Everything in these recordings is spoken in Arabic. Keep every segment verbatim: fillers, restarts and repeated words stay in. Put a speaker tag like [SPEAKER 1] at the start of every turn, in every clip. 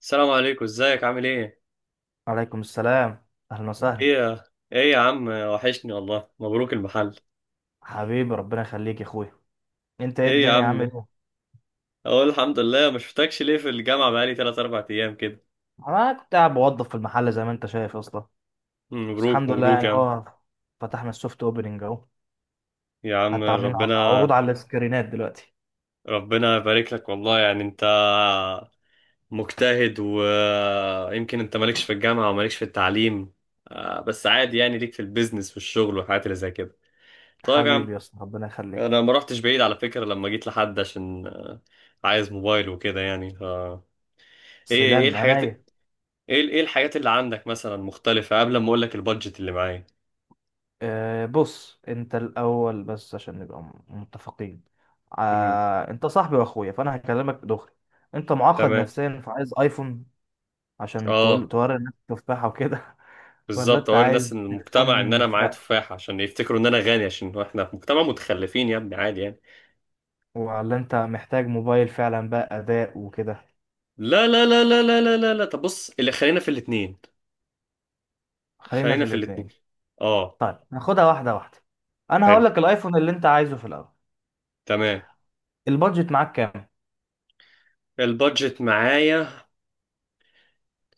[SPEAKER 1] السلام عليكم، ازيك؟ عامل ايه؟
[SPEAKER 2] عليكم السلام، اهلا وسهلا.
[SPEAKER 1] ايه يا ايه يا عم، وحشني والله. مبروك المحل.
[SPEAKER 2] حبيبي ربنا يخليك يا اخويا. انت ايه؟
[SPEAKER 1] ايه يا
[SPEAKER 2] الدنيا عامل
[SPEAKER 1] عم،
[SPEAKER 2] ايه؟
[SPEAKER 1] اقول الحمد لله. ما شفتكش ليه في الجامعه؟ بقالي ثلاثة أربعة ايام كده.
[SPEAKER 2] انا كنت قاعد بوظف في المحل زي ما انت شايف اصلا. بس
[SPEAKER 1] مبروك
[SPEAKER 2] الحمد لله
[SPEAKER 1] مبروك
[SPEAKER 2] يعني
[SPEAKER 1] يا عم.
[SPEAKER 2] اهو. فتحنا السوفت اوبننج اهو.
[SPEAKER 1] يا عم
[SPEAKER 2] حتى عاملين ع- عروض
[SPEAKER 1] ربنا،
[SPEAKER 2] على السكرينات دلوقتي.
[SPEAKER 1] ربنا يبارك لك والله. يعني انت مجتهد، ويمكن انت مالكش في الجامعه ومالكش في التعليم، آه، بس عادي يعني، ليك في البيزنس والشغل والحاجات اللي زي كده. طيب يا
[SPEAKER 2] حبيبي
[SPEAKER 1] عم،
[SPEAKER 2] يا اسطى ربنا يخليك.
[SPEAKER 1] انا ما رحتش بعيد على فكره، لما جيت لحد عشان آه، عايز موبايل وكده يعني. ايه؟ ايه
[SPEAKER 2] سلام
[SPEAKER 1] الحاجات؟ ايه،
[SPEAKER 2] عينيا.
[SPEAKER 1] ايه الحاجات اللي عندك مثلا مختلفة، قبل ما اقول لك البادجت اللي معايا.
[SPEAKER 2] أه بص انت الاول بس عشان نبقى م- متفقين.
[SPEAKER 1] امم
[SPEAKER 2] أه انت صاحبي واخويا فانا هكلمك دغري. انت معقد
[SPEAKER 1] تمام.
[SPEAKER 2] نفسيا فعايز ايفون عشان تقول
[SPEAKER 1] اه،
[SPEAKER 2] توري الناس التفاحه وكده. ولا
[SPEAKER 1] بالظبط
[SPEAKER 2] انت
[SPEAKER 1] اوري
[SPEAKER 2] عايز
[SPEAKER 1] الناس ان المجتمع، ان
[SPEAKER 2] تليفون
[SPEAKER 1] انا معايا
[SPEAKER 2] فق.
[SPEAKER 1] تفاح عشان يفتكروا ان انا غني، عشان احنا في مجتمع متخلفين يا ابني، عادي يعني.
[SPEAKER 2] ولا انت محتاج موبايل فعلا بقى اداء وكده.
[SPEAKER 1] لا لا لا لا لا لا لا لا، طب بص، اللي خلينا في الاتنين،
[SPEAKER 2] خلينا
[SPEAKER 1] خلينا
[SPEAKER 2] في
[SPEAKER 1] في الاتنين.
[SPEAKER 2] الاتنين.
[SPEAKER 1] اه.
[SPEAKER 2] طيب ناخدها واحده واحده. انا
[SPEAKER 1] حلو.
[SPEAKER 2] هقول لك الايفون اللي انت عايزه في الاول.
[SPEAKER 1] تمام.
[SPEAKER 2] البادجت معاك كام؟
[SPEAKER 1] البادجت معايا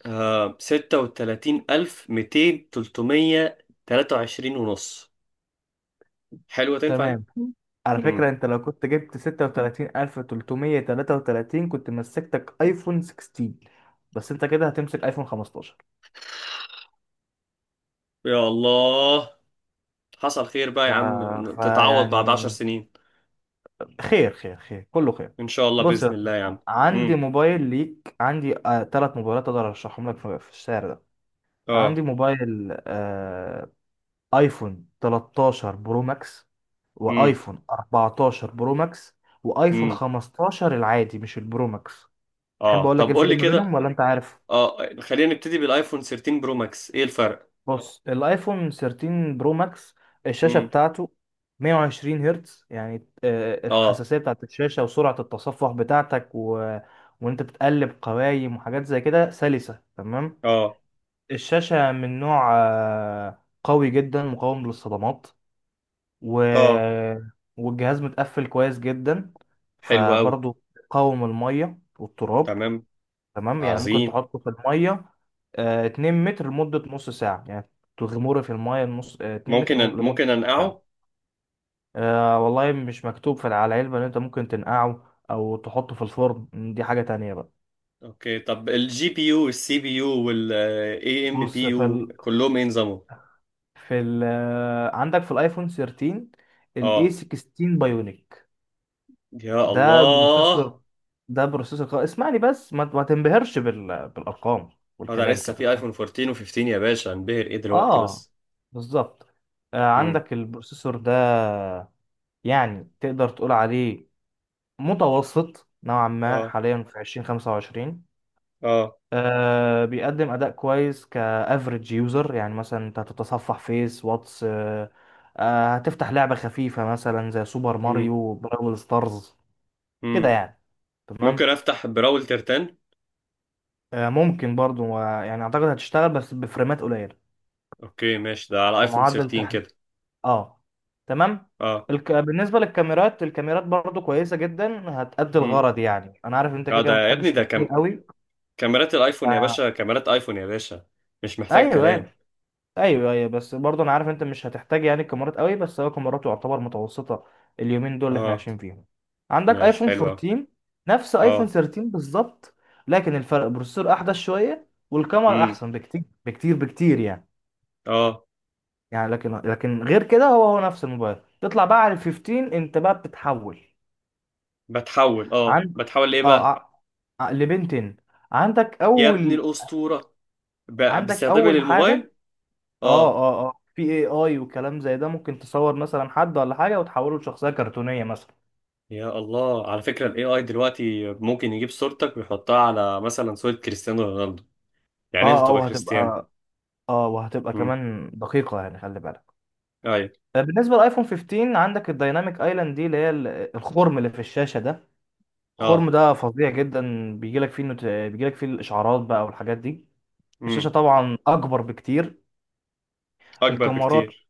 [SPEAKER 1] آه ستة وتلاتين ألف ميتين تلتمية، تلاتة وعشرين ونص. حلوة؟ تنفع دي؟
[SPEAKER 2] تمام. على
[SPEAKER 1] مم.
[SPEAKER 2] فكره، انت لو كنت جبت ستة وتلاتين الف تلتمية تلاتة وتلاتين كنت مسكتك ايفون ستاشر. بس انت كده هتمسك ايفون خمسة عشر.
[SPEAKER 1] يا الله. حصل خير بقى
[SPEAKER 2] ف...
[SPEAKER 1] يا عم، تتعوض بعد عشر
[SPEAKER 2] فيعني
[SPEAKER 1] سنين
[SPEAKER 2] خير خير خير كله خير.
[SPEAKER 1] ان شاء الله
[SPEAKER 2] بص يا
[SPEAKER 1] باذن الله يا
[SPEAKER 2] أسطى،
[SPEAKER 1] عم.
[SPEAKER 2] عندي
[SPEAKER 1] امم
[SPEAKER 2] موبايل ليك. عندي آه ثلاث موبايلات اقدر ارشحهم لك في في السعر ده.
[SPEAKER 1] اه.
[SPEAKER 2] عندي موبايل آه ايفون تلتاشر برو ماكس،
[SPEAKER 1] امم
[SPEAKER 2] وايفون اربعة عشر برو ماكس، وايفون
[SPEAKER 1] امم
[SPEAKER 2] خمستاشر العادي مش البرو ماكس. تحب
[SPEAKER 1] اه.
[SPEAKER 2] اقول لك إيه
[SPEAKER 1] طب قول
[SPEAKER 2] الفرق
[SPEAKER 1] لي
[SPEAKER 2] ما بينهم
[SPEAKER 1] كده.
[SPEAKER 2] ولا انت عارف؟
[SPEAKER 1] اه، خلينا نبتدي بالايفون تلتاشر برو ماكس. ايه الفرق؟
[SPEAKER 2] بص الايفون تلتاشر برو ماكس الشاشه
[SPEAKER 1] امم
[SPEAKER 2] بتاعته 120 هرتز يعني، آه،
[SPEAKER 1] اه.
[SPEAKER 2] الحساسيه بتاعت الشاشه وسرعه التصفح بتاعتك، و... وانت بتقلب قوايم وحاجات زي كده سلسه تمام.
[SPEAKER 1] اه.
[SPEAKER 2] الشاشه من نوع آه، قوي جدا مقاوم للصدمات، و...
[SPEAKER 1] اه.
[SPEAKER 2] والجهاز متقفل كويس جدا.
[SPEAKER 1] حلو قوي.
[SPEAKER 2] فبرضه قاوم الميه والتراب.
[SPEAKER 1] تمام.
[SPEAKER 2] تمام يعني ممكن
[SPEAKER 1] عظيم.
[SPEAKER 2] تحطه في المية، آه، 2 متر لمدة نص ساعة يعني. تغمره في المية نص آه، 2 متر
[SPEAKER 1] ممكن أن...
[SPEAKER 2] لمدة
[SPEAKER 1] ممكن
[SPEAKER 2] نص ساعة.
[SPEAKER 1] انقعه؟
[SPEAKER 2] آه والله مش مكتوب في على العلبة إن أنت ممكن تنقعه أو تحطه في الفرن. دي حاجة تانية بقى.
[SPEAKER 1] اوكي. طب الجي بي يو والسي بي يو والاي ام بي
[SPEAKER 2] بص في
[SPEAKER 1] يو
[SPEAKER 2] ال...
[SPEAKER 1] كلهم ايه نظامهم؟
[SPEAKER 2] في ال... آه، عندك في الآيفون تلتاشر ال
[SPEAKER 1] اه.
[SPEAKER 2] ايه ستاشر بايونيك.
[SPEAKER 1] يا
[SPEAKER 2] ده
[SPEAKER 1] الله.
[SPEAKER 2] بروسيسور ده بروسيسور قوي. اسمعني بس ما, ما تنبهرش بال... بالأرقام
[SPEAKER 1] هو ده
[SPEAKER 2] والكلام
[SPEAKER 1] لسه،
[SPEAKER 2] كده
[SPEAKER 1] في
[SPEAKER 2] فاهم.
[SPEAKER 1] ايفون اربعتاشر و15 يا باشا هنبهر ايه دلوقتي
[SPEAKER 2] آه
[SPEAKER 1] بس؟
[SPEAKER 2] بالظبط. آه،
[SPEAKER 1] امم
[SPEAKER 2] عندك البروسيسور ده يعني تقدر تقول عليه متوسط نوعا ما
[SPEAKER 1] اه.
[SPEAKER 2] حاليا في الفين وخمسة وعشرين.
[SPEAKER 1] اه.
[SPEAKER 2] آه بيقدم اداء كويس كافريج يوزر يعني مثلا انت هتتصفح فيس واتس آه آه هتفتح لعبة خفيفة مثلا زي سوبر
[SPEAKER 1] مم.
[SPEAKER 2] ماريو براول ستارز كده
[SPEAKER 1] مم.
[SPEAKER 2] يعني تمام.
[SPEAKER 1] ممكن افتح براول ترتان؟
[SPEAKER 2] آه ممكن برضو، آه، يعني اعتقد هتشتغل بس بفريمات قليلة
[SPEAKER 1] اوكي ماشي، ده على ايفون
[SPEAKER 2] بمعدل
[SPEAKER 1] تلتاشر
[SPEAKER 2] تحد.
[SPEAKER 1] كده.
[SPEAKER 2] اه تمام.
[SPEAKER 1] اه.
[SPEAKER 2] الك... بالنسبة للكاميرات. الكاميرات برضو كويسة جدا هتأدي
[SPEAKER 1] مم.
[SPEAKER 2] الغرض. يعني أنا عارف أنت كده
[SPEAKER 1] اه،
[SPEAKER 2] كده
[SPEAKER 1] ده
[SPEAKER 2] ما
[SPEAKER 1] يا
[SPEAKER 2] بتحبش
[SPEAKER 1] ابني، ده
[SPEAKER 2] التصوير
[SPEAKER 1] كم...
[SPEAKER 2] قوي.
[SPEAKER 1] كاميرات الايفون يا باشا،
[SPEAKER 2] ف-
[SPEAKER 1] كاميرات ايفون يا باشا، مش محتاج
[SPEAKER 2] ايوه، ايوه،
[SPEAKER 1] كلام.
[SPEAKER 2] ايوه، ايوه، بس برضه انا عارف انت مش هتحتاج يعني الكاميرات قوي. بس هو كاميراته يعتبر متوسطه اليومين دول اللي احنا
[SPEAKER 1] اه.
[SPEAKER 2] عايشين فيهم. عندك
[SPEAKER 1] ماشي
[SPEAKER 2] ايفون
[SPEAKER 1] حلوة.
[SPEAKER 2] اربعتاشر نفس ايفون
[SPEAKER 1] اه.
[SPEAKER 2] تلتاشر بالظبط. لكن الفرق بروسيسور احدث شويه والكاميرا
[SPEAKER 1] مم.
[SPEAKER 2] احسن بكتير بكتير بكتير يعني.
[SPEAKER 1] اه،
[SPEAKER 2] يعني لكن لكن غير كده هو هو نفس الموبايل. تطلع بقى على ال خمستاشر انت بقى بتتحول.
[SPEAKER 1] بتحول، اه،
[SPEAKER 2] عن
[SPEAKER 1] بتحول ليه
[SPEAKER 2] اه
[SPEAKER 1] بقى؟
[SPEAKER 2] ع- ع- لبنتين. عندك
[SPEAKER 1] يا ابني
[SPEAKER 2] اول
[SPEAKER 1] الاسطورة. ب...
[SPEAKER 2] عندك
[SPEAKER 1] باستخدامي
[SPEAKER 2] اول حاجه.
[SPEAKER 1] للموبايل.
[SPEAKER 2] اه
[SPEAKER 1] اه.
[SPEAKER 2] اه اه في اي اي وكلام زي ده ممكن تصور مثلا حد ولا حاجه وتحوله لشخصيه كرتونيه مثلا.
[SPEAKER 1] يا الله، على فكرة الاي اي دلوقتي ممكن يجيب صورتك ويحطها على مثلا صورة كريستيانو رونالدو، يعني انت
[SPEAKER 2] اه اه
[SPEAKER 1] تبقى كريستيانو.
[SPEAKER 2] وهتبقى اه وهتبقى
[SPEAKER 1] مم.
[SPEAKER 2] كمان دقيقه يعني خلي بالك.
[SPEAKER 1] ايوه.
[SPEAKER 2] آه، بالنسبه للايفون خمستاشر عندك الدايناميك ايلاند دي اللي هي ال- الخرم اللي في الشاشه ده. الخرم
[SPEAKER 1] اه.
[SPEAKER 2] ده فظيع جدا. بيجيلك فيه نوت... بيجيلك فيه الاشعارات بقى والحاجات دي. الشاشه طبعا اكبر بكتير.
[SPEAKER 1] اكبر
[SPEAKER 2] الكاميرات
[SPEAKER 1] بكتير.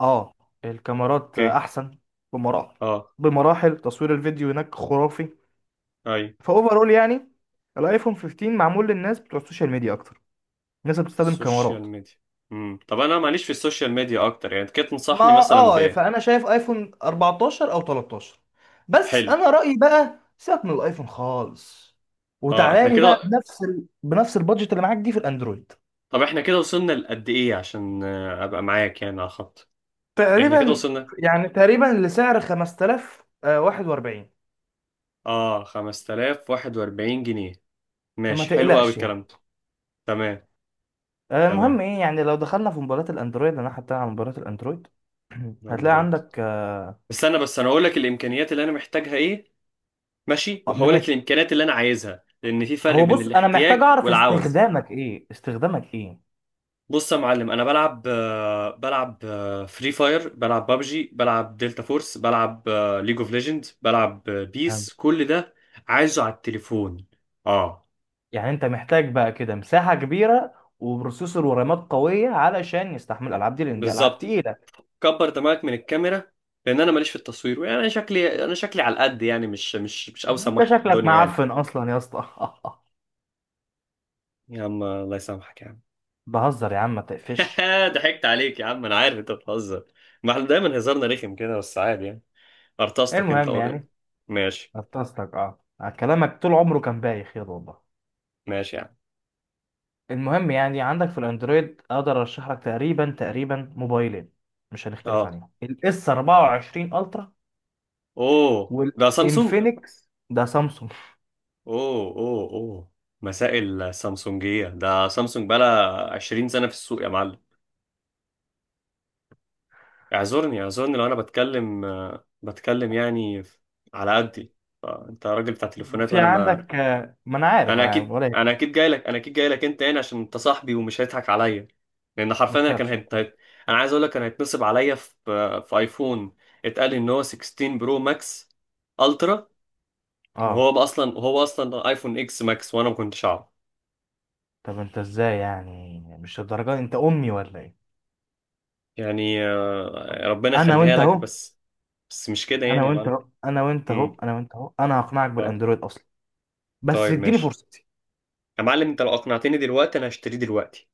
[SPEAKER 2] اه الكاميرات آه،
[SPEAKER 1] اوكي.
[SPEAKER 2] احسن بمراحل
[SPEAKER 1] اه.
[SPEAKER 2] بمراحل. تصوير الفيديو هناك خرافي
[SPEAKER 1] اي.
[SPEAKER 2] فاوفرول يعني. الايفون خمستاشر معمول للناس بتوع السوشيال ميديا اكتر. الناس اللي بتستخدم
[SPEAKER 1] السوشيال
[SPEAKER 2] كاميرات.
[SPEAKER 1] ميديا. امم طب انا ماليش في السوشيال ميديا اكتر يعني، انت كده
[SPEAKER 2] ما
[SPEAKER 1] تنصحني مثلا
[SPEAKER 2] اه
[SPEAKER 1] ب.
[SPEAKER 2] فانا شايف ايفون اربعة عشر او تلتاشر. بس
[SPEAKER 1] حلو.
[SPEAKER 2] انا رايي بقى سيبك من الايفون خالص
[SPEAKER 1] اه،
[SPEAKER 2] وتعالى
[SPEAKER 1] احنا
[SPEAKER 2] لي بقى
[SPEAKER 1] كده.
[SPEAKER 2] بنفس ال... بنفس البادجت اللي معاك دي في الاندرويد.
[SPEAKER 1] طب احنا كده وصلنا لقد ايه، عشان آه، ابقى معاك يعني على خط. احنا كده
[SPEAKER 2] تقريبا
[SPEAKER 1] وصلنا.
[SPEAKER 2] يعني تقريبا لسعر خمسة الاف وواحد واربعين.
[SPEAKER 1] اه، خمستلاف وواحد واربعين جنيه.
[SPEAKER 2] فما
[SPEAKER 1] ماشي، حلو قوي
[SPEAKER 2] تقلقش
[SPEAKER 1] الكلام
[SPEAKER 2] يعني.
[SPEAKER 1] ده. تمام.
[SPEAKER 2] آه،
[SPEAKER 1] تمام.
[SPEAKER 2] المهم ايه يعني. لو دخلنا في موبايلات الاندرويد، انا حتى على موبايلات الاندرويد هتلاقي
[SPEAKER 1] اندرويد.
[SPEAKER 2] عندك.
[SPEAKER 1] استنى بس، انا هقول لك الامكانيات اللي انا محتاجها ايه. ماشي، وهقول لك الامكانيات اللي انا عايزها، لان في فرق
[SPEAKER 2] هو
[SPEAKER 1] بين
[SPEAKER 2] بص انا محتاج
[SPEAKER 1] الاحتياج
[SPEAKER 2] اعرف
[SPEAKER 1] والعوز.
[SPEAKER 2] استخدامك ايه. استخدامك ايه؟
[SPEAKER 1] بص يا معلم، انا بلعب، آه، بلعب فري فاير، بلعب بابجي، بلعب دلتا فورس، بلعب ليج اوف ليجند، بلعب آه،
[SPEAKER 2] فهمت.
[SPEAKER 1] بيس، كل ده عايزه على التليفون. اه.
[SPEAKER 2] يعني انت محتاج بقى كده مساحة كبيرة وبروسيسور ورامات قوية علشان يستحمل الالعاب دي لان دي العاب
[SPEAKER 1] بالظبط.
[SPEAKER 2] تقيلة.
[SPEAKER 1] كبر دماغك من الكاميرا، لان انا ماليش في التصوير يعني. انا شكلي، انا شكلي على القد يعني، مش مش مش اوسم
[SPEAKER 2] انت
[SPEAKER 1] واحد في
[SPEAKER 2] شكلك
[SPEAKER 1] الدنيا يعني.
[SPEAKER 2] معفن اصلا يا اسطى.
[SPEAKER 1] يا عم الله يسامحك يا عم.
[SPEAKER 2] بهزر يا عم ما تقفش.
[SPEAKER 1] ضحكت عليك يا عم، انا عارف انت بتهزر. ما احنا دايما هزارنا رخم كده، بس عادي يعني. ارتستك انت
[SPEAKER 2] المهم
[SPEAKER 1] قول إيه.
[SPEAKER 2] يعني.
[SPEAKER 1] ماشي.
[SPEAKER 2] نفستك اه كلامك طول عمره كان بايخ يلا والله.
[SPEAKER 1] ماشي يا عم.
[SPEAKER 2] المهم يعني عندك في الاندرويد اقدر ارشح لك تقريبا تقريبا موبايلين مش هنختلف
[SPEAKER 1] اه.
[SPEAKER 2] عليهم. الاس اربعة وعشرين الترا
[SPEAKER 1] اوه، ده سامسونج.
[SPEAKER 2] والانفينكس ده سامسونج.
[SPEAKER 1] اوه اوه اوه. مسائل سامسونجية، ده سامسونج بقالها عشرين سنة في السوق يا معلم. اعذرني اعذرني، لو انا بتكلم آه، بتكلم يعني ف- على قدي. آه، انت راجل بتاع تليفونات
[SPEAKER 2] وفي
[SPEAKER 1] وانا ما.
[SPEAKER 2] عندك. آه، ما انا عارف
[SPEAKER 1] انا
[SPEAKER 2] انا عارف
[SPEAKER 1] اكيد،
[SPEAKER 2] ولا إيه.
[SPEAKER 1] انا اكيد جاي لك، انا اكيد جاي لك انت هنا عشان انت صاحبي، ومش هيضحك عليا. لان
[SPEAKER 2] ما
[SPEAKER 1] حرفيا انا كان
[SPEAKER 2] تخافش ما
[SPEAKER 1] هيت...
[SPEAKER 2] تخافش.
[SPEAKER 1] هيت- انا عايز اقول لك كان هيتنصب عليا في آه، في ايفون، اتقال ان هو ستة عشر برو ماكس الترا،
[SPEAKER 2] اه،
[SPEAKER 1] وهو اصلا، هو اصلا ايفون اكس ماكس، وانا ما كنتش اعرف.
[SPEAKER 2] طب انت ازاي يعني مش الدرجه دي؟ انت امي ولا ايه؟
[SPEAKER 1] يعني آه، ربنا
[SPEAKER 2] انا
[SPEAKER 1] يخليها
[SPEAKER 2] وانت
[SPEAKER 1] لك
[SPEAKER 2] اهو
[SPEAKER 1] بس. بس مش كده
[SPEAKER 2] انا
[SPEAKER 1] يعني يا
[SPEAKER 2] وانت
[SPEAKER 1] معلم.
[SPEAKER 2] اهو انا وانت
[SPEAKER 1] امم
[SPEAKER 2] اهو انا وانت اهو. انا هقنعك
[SPEAKER 1] اه.
[SPEAKER 2] بالاندرويد اصلا. بس
[SPEAKER 1] طيب
[SPEAKER 2] اديني
[SPEAKER 1] ماشي.
[SPEAKER 2] فرصتي.
[SPEAKER 1] يا معلم انت لو اقنعتني دلوقتي انا هشتريه دلوقتي.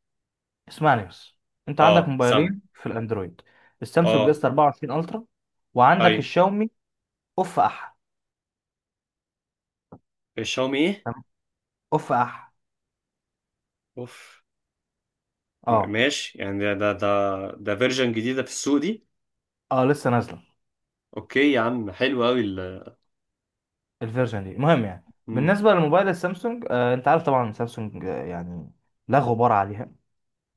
[SPEAKER 2] اسمعني بس. انت عندك
[SPEAKER 1] اه سامع.
[SPEAKER 2] موبايلين في الاندرويد، السامسونج
[SPEAKER 1] اه.
[SPEAKER 2] اس اربعة وعشرين الترا، وعندك
[SPEAKER 1] ايوه.
[SPEAKER 2] الشاومي اوف اح.
[SPEAKER 1] الشاومي ايه؟
[SPEAKER 2] تمام؟ اوف اح.
[SPEAKER 1] اوف. م-
[SPEAKER 2] اه
[SPEAKER 1] ماشي يعني، ده ده ده ده فيرجن جديده في السوق دي.
[SPEAKER 2] اه لسه نازله.
[SPEAKER 1] اوكي يا عم، حلو قوي ال
[SPEAKER 2] الفيرجن دي المهم يعني.
[SPEAKER 1] امم
[SPEAKER 2] بالنسبه للموبايل السامسونج، آه انت عارف طبعا سامسونج آه يعني لا غبار عليها.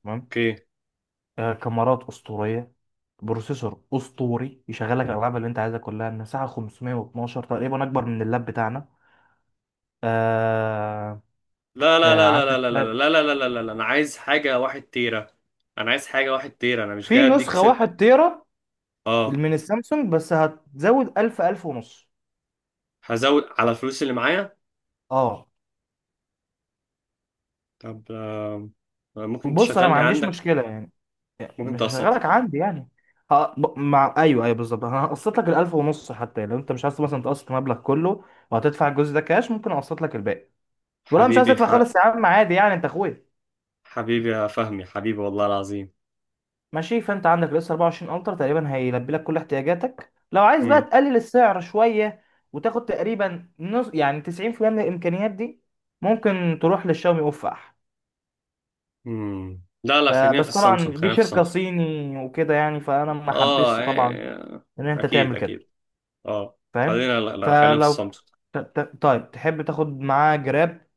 [SPEAKER 2] تمام.
[SPEAKER 1] اوكي.
[SPEAKER 2] آه، كاميرات اسطوريه، بروسيسور اسطوري يشغلك الالعاب اللي انت عايزها كلها. المساحه خمسمية واتناشر تقريبا اكبر من اللاب بتاعنا. آه
[SPEAKER 1] لا لا
[SPEAKER 2] آه
[SPEAKER 1] لا لا لا
[SPEAKER 2] عندك
[SPEAKER 1] لا لا لا
[SPEAKER 2] لاب-
[SPEAKER 1] لا لا لا لا لا، انا عايز حاجه واحد تيرة. انا عايز حاجه واحد تيرة، انا مش
[SPEAKER 2] في
[SPEAKER 1] جاي اديك
[SPEAKER 2] نسخه
[SPEAKER 1] ست.
[SPEAKER 2] 1 تيرا
[SPEAKER 1] اه.
[SPEAKER 2] من السامسونج بس هتزود الف الف ونص.
[SPEAKER 1] هزود على الفلوس اللي معايا.
[SPEAKER 2] اه،
[SPEAKER 1] طب آه، ممكن
[SPEAKER 2] بص انا ما
[SPEAKER 1] تشغلني
[SPEAKER 2] عنديش
[SPEAKER 1] عندك؟
[SPEAKER 2] مشكله يعني
[SPEAKER 1] ممكن
[SPEAKER 2] مش
[SPEAKER 1] تقسط
[SPEAKER 2] هشغلك
[SPEAKER 1] لي؟
[SPEAKER 2] عندي يعني. ه... ب- مع ايوه، ايوه، بالظبط. انا هقسط لك الألف ونص حتى لو انت مش عايز مثلا تقسط المبلغ كله. وهتدفع الجزء ده كاش ممكن اقسط لك الباقي. ولا مش عايز
[SPEAKER 1] حبيبي
[SPEAKER 2] تدفع
[SPEAKER 1] ح...
[SPEAKER 2] خالص يا عم؟ عادي يعني انت اخويا.
[SPEAKER 1] حبيبي يا فهمي، حبيبي والله العظيم.
[SPEAKER 2] ماشي. فانت عندك الاس اربعة وعشرين الترا تقريبا هيلبي لك كل احتياجاتك. لو عايز بقى
[SPEAKER 1] مم.
[SPEAKER 2] تقلل السعر شويه وتاخد تقريبا نص يعني تسعين في المية من الامكانيات دي. ممكن تروح للشاومي اوفح.
[SPEAKER 1] مم. لا لا، خلينا في
[SPEAKER 2] فبس
[SPEAKER 1] السامسونج،
[SPEAKER 2] طبعا دي
[SPEAKER 1] خلينا في
[SPEAKER 2] شركه
[SPEAKER 1] السامسونج.
[SPEAKER 2] صيني وكده يعني فانا ما
[SPEAKER 1] اه.
[SPEAKER 2] حبسش
[SPEAKER 1] آه،
[SPEAKER 2] طبعا
[SPEAKER 1] آه،
[SPEAKER 2] ان انت
[SPEAKER 1] اكيد
[SPEAKER 2] تعمل كده.
[SPEAKER 1] اكيد. اه،
[SPEAKER 2] فاهم؟
[SPEAKER 1] خلينا، لا لا خلينا في
[SPEAKER 2] فلو
[SPEAKER 1] السامسونج.
[SPEAKER 2] ت- ت- طيب تحب تاخد معاه جراب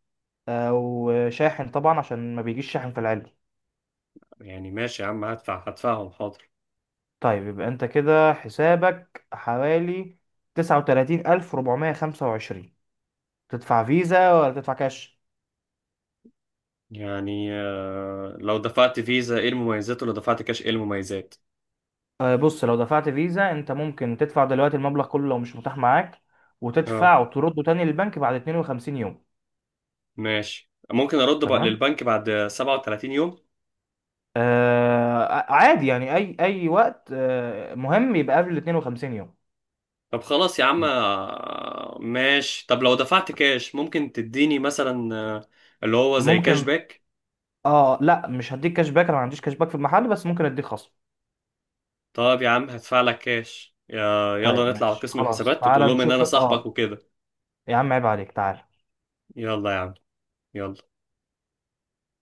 [SPEAKER 2] او شاحن طبعا عشان ما بيجيش شاحن في العلبه.
[SPEAKER 1] يعني ماشي يا عم، هدفع، هدفعهم حاضر.
[SPEAKER 2] طيب يبقى انت كده حسابك حوالي تسعة وتلاتين ألف ربعمية خمسة. تدفع فيزا ولا تدفع كاش؟
[SPEAKER 1] يعني آه، لو دفعت فيزا ايه المميزات؟ ولو دفعت كاش ايه المميزات؟
[SPEAKER 2] آه، بص لو دفعت فيزا انت ممكن تدفع دلوقتي المبلغ كله لو مش متاح معاك.
[SPEAKER 1] اه
[SPEAKER 2] وتدفع وترده تاني للبنك بعد 52 يوم.
[SPEAKER 1] ماشي، ممكن ارد بقى
[SPEAKER 2] تمام.
[SPEAKER 1] للبنك بعد سبعة وتلاتين يوم.
[SPEAKER 2] آه عادي يعني اي اي وقت، آه مهم يبقى قبل 52 يوم.
[SPEAKER 1] طب خلاص يا عم، آه، ماشي. طب لو دفعت كاش، ممكن تديني مثلا آه، اللي هو زي كاش
[SPEAKER 2] ممكن.
[SPEAKER 1] باك؟
[SPEAKER 2] اه، لا مش هديك كاش باك. انا ما عنديش كاش باك في المحل بس ممكن اديك خصم.
[SPEAKER 1] طب يا عم هدفع لك كاش، يا-
[SPEAKER 2] طيب
[SPEAKER 1] يلا نطلع على
[SPEAKER 2] ماشي
[SPEAKER 1] قسم
[SPEAKER 2] خلاص
[SPEAKER 1] الحسابات
[SPEAKER 2] تعال
[SPEAKER 1] وتقول لهم ان
[SPEAKER 2] نشوف.
[SPEAKER 1] انا صاحبك
[SPEAKER 2] اه
[SPEAKER 1] وكده.
[SPEAKER 2] يا عم عيب عليك تعال.
[SPEAKER 1] يلا يا عم. يلا.